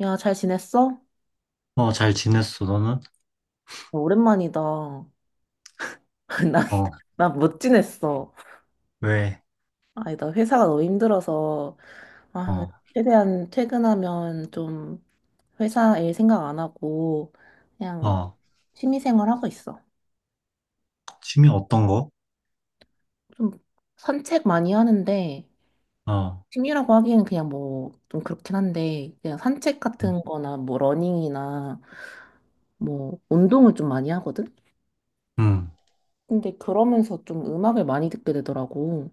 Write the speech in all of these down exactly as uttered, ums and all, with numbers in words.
야, 잘 지냈어? 어, 잘 지냈어, 너는? 오랜만이다. 난, 어, 난 못 지냈어. 왜? 아니, 나 회사가 너무 힘들어서, 아, 어, 최대한 퇴근하면 좀 회사 일 생각 안 하고, 그냥 어, 취미생활 하고 있어. 취미 어떤 거? 좀 산책 많이 하는데, 어, 취미라고 하기에는 그냥 뭐, 좀 그렇긴 한데, 그냥 산책 음, 같은 거나 뭐, 러닝이나 뭐, 운동을 좀 많이 하거든? 음. 근데 그러면서 좀 음악을 많이 듣게 되더라고.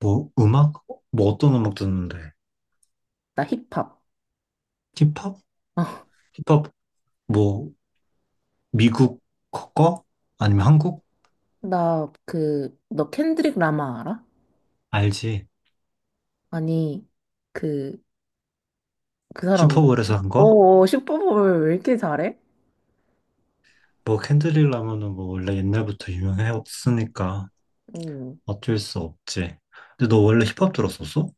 뭐, 음악? 뭐, 어떤 음악 듣는데? 나 힙합. 힙합? 힙합, 뭐, 미국 거? 아니면 한국? 나, 그, 너 켄드릭 라마 알아? 알지? 아니, 그, 그 사람, 왜- 슈퍼볼에서 한 거? 어, 어, 슈퍼볼 왜 이렇게 잘해? 뭐, 캔드릴 라면은 뭐, 원래 옛날부터 유명했으니까 응. 어쩔 수 없지. 근데 너 원래 힙합 들었었어?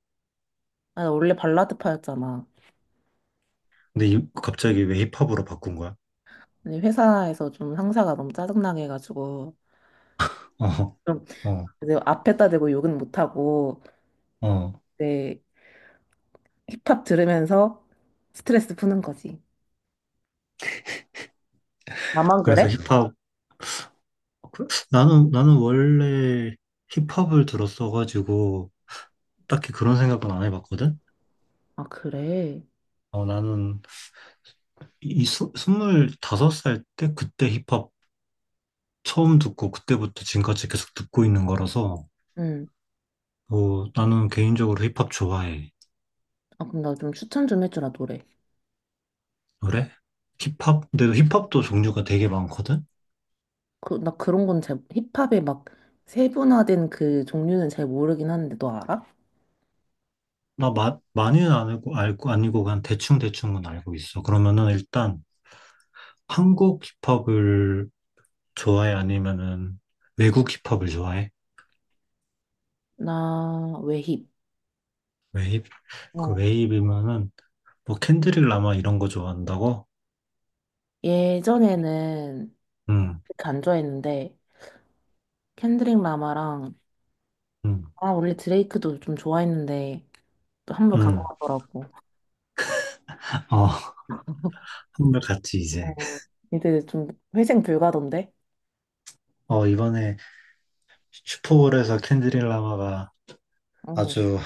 아, 나 원래 발라드파였잖아. 근데 이- 갑자기 왜 힙합으로 바꾼 거야? 근데 회사에서 좀 상사가 너무 짜증나게 해가지고, 어, 좀, 어, 이제 앞에다 대고 욕은 못하고, 어. 이제 힙합 들으면서 스트레스 푸는 거지. 나만 그래서 그래? 힙합, 아, 그래? 나는, 나는 원래 힙합을 들었어가지고, 딱히 그런 생각은 안 해봤거든? 아, 그래. 어, 나는 이 스- 스물다섯 살 때 그때 힙합 처음 듣고, 그때부터 지금까지 계속 듣고 있는 거라서, 응. 어, 나는 개인적으로 힙합 좋아해. 아, 그럼 나 좀 추천 좀 해주라, 노래. 그래? 힙합? 근데 힙합도 종류가 되게 많거든? 그, 나 그런 건 잘, 힙합에 막 세분화된 그 종류는 잘 모르긴 하는데, 너 알아? 나 마, 많이는 안 알고, 알고, 아니고, 그냥 대충대충은 알고 있어. 그러면은 일단 한국 힙합을 좋아해? 아니면은 외국 힙합을 좋아해? 나 외힙. 웨이브, 그 어. 웨이브면은, 뭐, 캔드릭 라마 이런 거 좋아한다고? 예전에는 응, 그렇게 안 좋아했는데 켄드릭 라마랑 응, 아 원래 드레이크도 좀 좋아했는데 또 한 번 간 것 응. 같더라고. 어, 한물 같이 이제. 어, 이제 좀 회생 불가던데? 어, 이번에 슈퍼볼에서 캔드릭 라마가 어, 아주,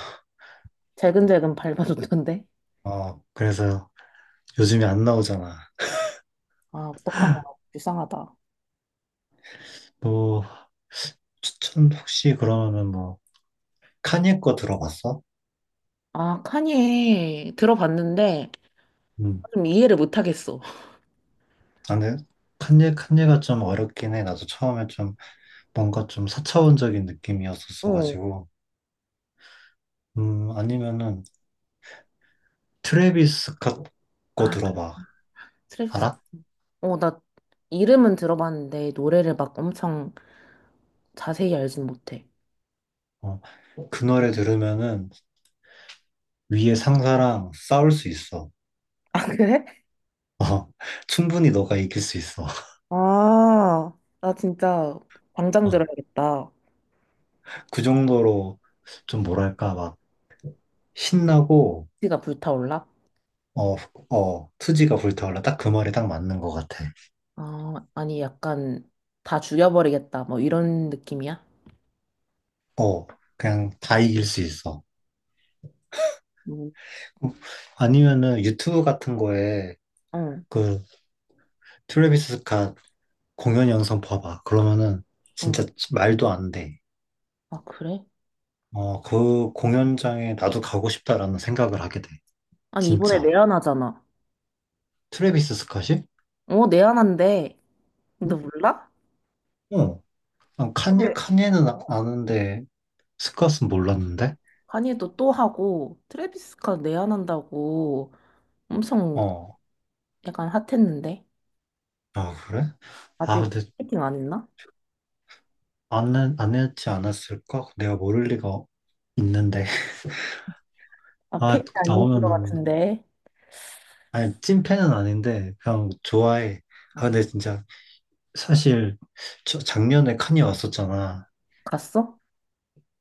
재근재근 밟아줬던데? 어, 그래서 요즘에 안 나오잖아. 아 어떡하나 불쌍하다. 뭐, 추천 혹시 그러면은 뭐, 카니에 거 들어봤어? 아 카니에 들어봤는데 응. 좀 이해를 못하겠어. 아, 근데 칸예, 칸예가 좀 어렵긴 해. 나도 처음에 좀 뭔가 좀 사차원적인 어. 느낌이었었어가지고. 음, 아니면은 트래비스 스캇 거 아 들어봐. 트래비스 알아? 어 나 이름은 들어봤는데 노래를 막 엄청 자세히 알진 못해. 어. 그 노래 들으면은 위에 상사랑 싸울 수 있어. 아, 그래? 어. 충분히 너가 이길 수 있어. 아, 나 진짜 당장 어. 들어야겠다. 그 정도로 좀 뭐랄까 막 신나고 위치가 불타올라? 어, 어, 투지가 불타올라. 딱 그 말이 딱 맞는 것 같아. 아, 아니 약간 다 죽여버리겠다. 뭐 이런 느낌이야? 어, 그냥 다 이길 수 있어. 응, 아니면은 유튜브 같은 거에 응. 그 트래비스 스캇 공연 영상 봐봐. 그러면은 응. 진짜 말도 안 돼. 아, 그래? 어, 그 공연장에 나도 가고 싶다라는 생각을 하게 돼. 아니 이번에 진짜. 내한하잖아. 트래비스 스캇이? 어, 내한한대. 어, 너 몰라? 어. 난 칸예, 네. 칸예는 아- 아는데, 스캇은 몰랐는데? 카니도 또 하고 트래비스 스캇 내한한다고 엄청 어. 약간 핫했는데 아, 그래? 아, 아직 근데 패킹 안 했나? 안, 했- 안 했지 않았을까? 내가 모를 리가 있는데. 아, 아, 패킹 아닌 것 나오면은, 같은데. 아니, 찐팬은 아닌데, 그냥 좋아해. 아, 어, 근데 진짜, 사실, 저, 작년에 칸이 왔었잖아. 갔어?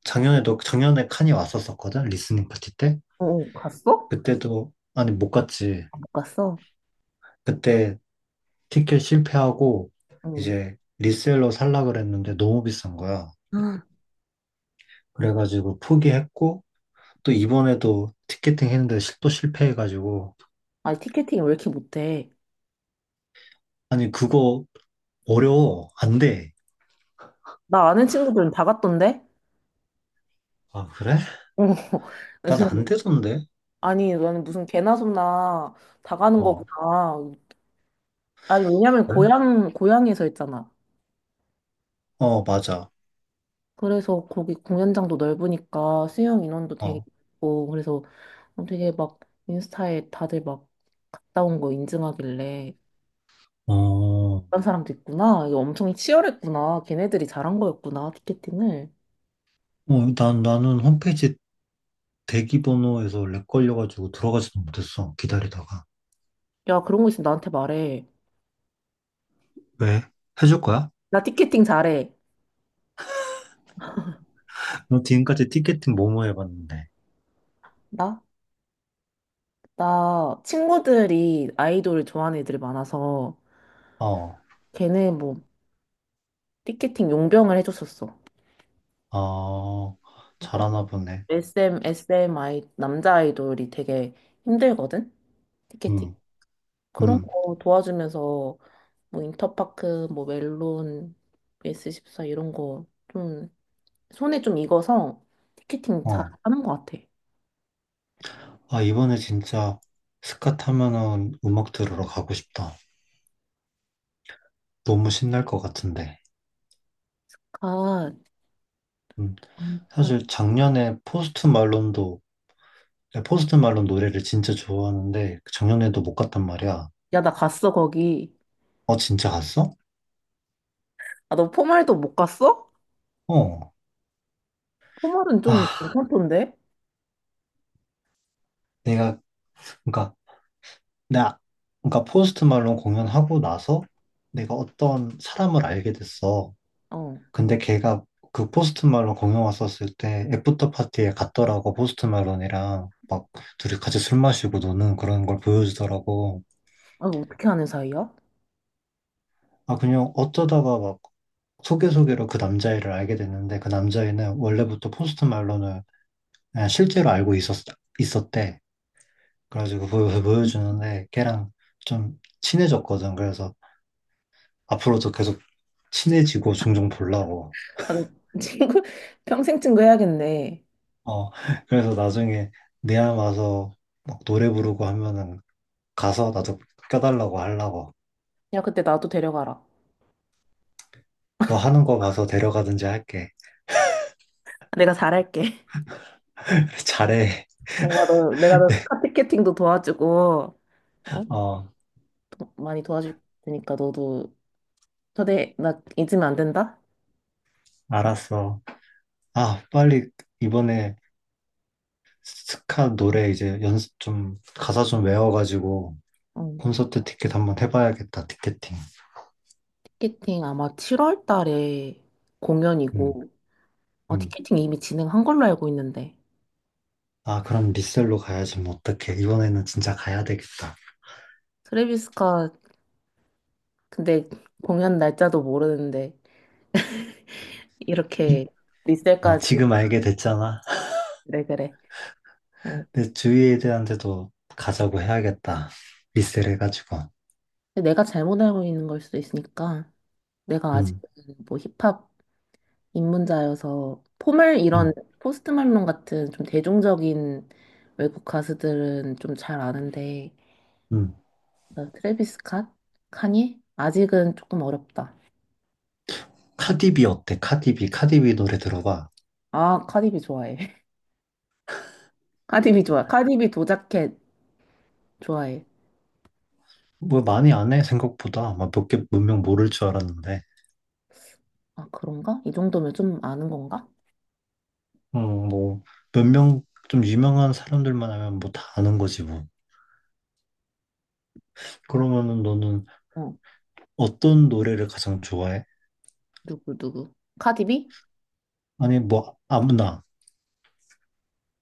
작년에도, 작년에 칸이 왔었었거든? 리스닝 파티 때? 어, 어, 갔어? 그때도, 아니, 못 갔지. 아, 못 갔어? 그때 티켓 실패하고 응. 이제 리셀로 살라 그랬는데 너무 비싼 거야. 아, 그래가지고 포기했고 또 이번에도 티켓팅 했는데 실- 또 실패해가지고 아니, 티켓팅 왜 이렇게 못해? 아니 그거 어려워 안 돼. 나 아는 친구들은 다 갔던데? 아 그래? 어, 난 그래서 안 되던데. 아니, 너는 무슨 개나 소나 다 가는 어 거구나. 아니, 왜냐면 그래? 고향, 고향에서 했잖아. 어 맞아. 그래서 거기 공연장도 넓으니까 수용 인원도 되게 어. 있고, 그래서 어, 되게 막 인스타에 다들 막 갔다 온 거 인증하길래 어. 그런 사람도 있구나. 이거 엄청 치열했구나. 걔네들이 잘한 거였구나, 티켓팅을. 어, 난 나는 홈페이지 대기번호에서 렉 걸려가지고 들어가지도 못했어 기다리다가. 야, 그런 거 있으면 나한테 말해. 왜? 해줄 거야? 나 티켓팅 잘해. 너 지금까지 티켓팅 뭐뭐 해봤는데. 나? 나 친구들이 아이돌을 좋아하는 애들이 많아서 어. 걔네 뭐 티켓팅 용병을 해줬었어. 아, 그래서 잘하나 보네. 에스엠, 에스엠 아이, 남자 아이돌이 되게 힘들거든? 티켓팅. 음, 그런 음, 거 도와주면서 뭐 인터파크, 뭐 멜론, 에스 십사 이런 거 좀 손에 좀 익어서 티켓팅 잘 어. 하는 것 같아. 아, 이번에 진짜 스카 타면은 음악 들으러 가고 싶다. 너무 신날 것 같은데. 가, 음, 음, 가. 사실 작년에 포스트 말론도, 네, 포스트 말론 노래를 진짜 좋아하는데, 그 작년에도 못 갔단 말이야. 야, 나 갔어, 거기. 어, 진짜 갔어? 아, 너 포말도 못 갔어? 어. 포말은 좀 아, 괜찮던데? 내가, 그니까, 나, 그니까 포스트 말론 공연하고 나서 내가 어떤 사람을 알게 됐어. 어. 근데 걔가 그 포스트 말론 공연 왔었을 때 애프터 파티에 갔더라고 포스트 말론이랑 막 둘이 같이 술 마시고 노는 그런 걸 보여주더라고. 아, 뭐 어떻게 아는 사이야? 아 그냥 어쩌다가 막 소개소개로 그 남자애를 알게 됐는데 그 남자애는 원래부터 포스트 말론을 그냥 실제로 알고 있었 있었대. 그래가지고 보여 보여주는데 걔랑 좀 친해졌거든. 그래서 앞으로도 계속 친해지고 종종 보려고. 아, 너 친구 평생 친구 해야겠네. 어 그래서 나중에 내암 와서 막 노래 부르고 하면은 가서 나도 껴달라고 하려고. 야, 그때 나도 데려가라. 너 하는 거 봐서 데려가든지 할게. 내가 잘할게. 잘해. 내가 너 내가 너 스카피캐팅도 도와주고 어? 어, 도- 많이 도와줄 테니까 너도 초대 나 잊으면 안 된다. 알았어. 아, 빨리 이번에 스카 노래 이제 연습 좀, 가사 좀 외워가지고 응. 콘서트 티켓 한번 해봐야겠다, 티켓팅. 티켓팅 아마 칠월 달에 음, 공연이고 아, 음. 티켓팅 이미 진행한 걸로 알고 있는데 아, 그럼 리셀로 가야지, 뭐, 어떡해. 이번에는 진짜 가야 되겠다. 트래비스가 근데 공연 날짜도 모르는데 이? 이렇게 어, 리셀까지 지금 알게 됐잖아. 그래 그래. 그래. 내 주위에 대한테도 가자고 해야겠다. 리셀 해가지고. 근데 내가 잘못 알고 있는 걸 수도 있으니까 내가 아직 음, 뭐 힙합 입문자여서 포멀 이런 음, 포스트 말론 같은 좀 대중적인 외국 가수들은 좀 잘 아는데 음. 나 트래비스 캇? 카니? 아직은 조금 어렵다. 카디비 어때? 카디비, 카디비 노래 들어봐. 아, 카디비 좋아해. 카디비 좋아. 카디비 도자켓 좋아해. 뭐 많이 안 해, 생각보다. 막 몇 개, 몇 명 모를 줄 알았는데. 아, 그런가? 이 정도면 좀 아는 건가? 음, 뭐, 몇 명 좀 유명한 사람들만 하면 뭐 다 아는 거지, 뭐. 그러면은 너는 어, 어떤 노래를 가장 좋아해? 누구 누구? 카디비? 아니, 뭐, 아무나.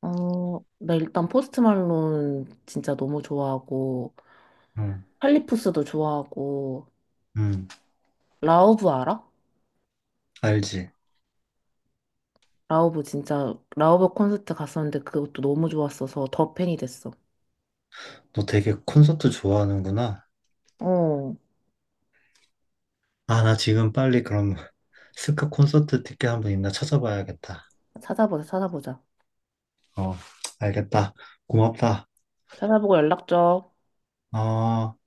어, 나 일단 포스트 말론 진짜 너무 좋아하고 음, 칼리푸스도 좋아하고 음, 라우브 알아? 알지. 라우브 진짜 라우브 콘서트 갔었는데 그것도 너무 좋았어서 더 팬이 됐어. 너 되게 콘서트 좋아하는구나. 어, 아, 나 지금 빨리 그럼 스카 콘서트 티켓 한번 있나 찾아봐야겠다. 찾아보자, 찾아보자. 어, 알겠다. 고맙다. 찾아보고 연락 줘. 어.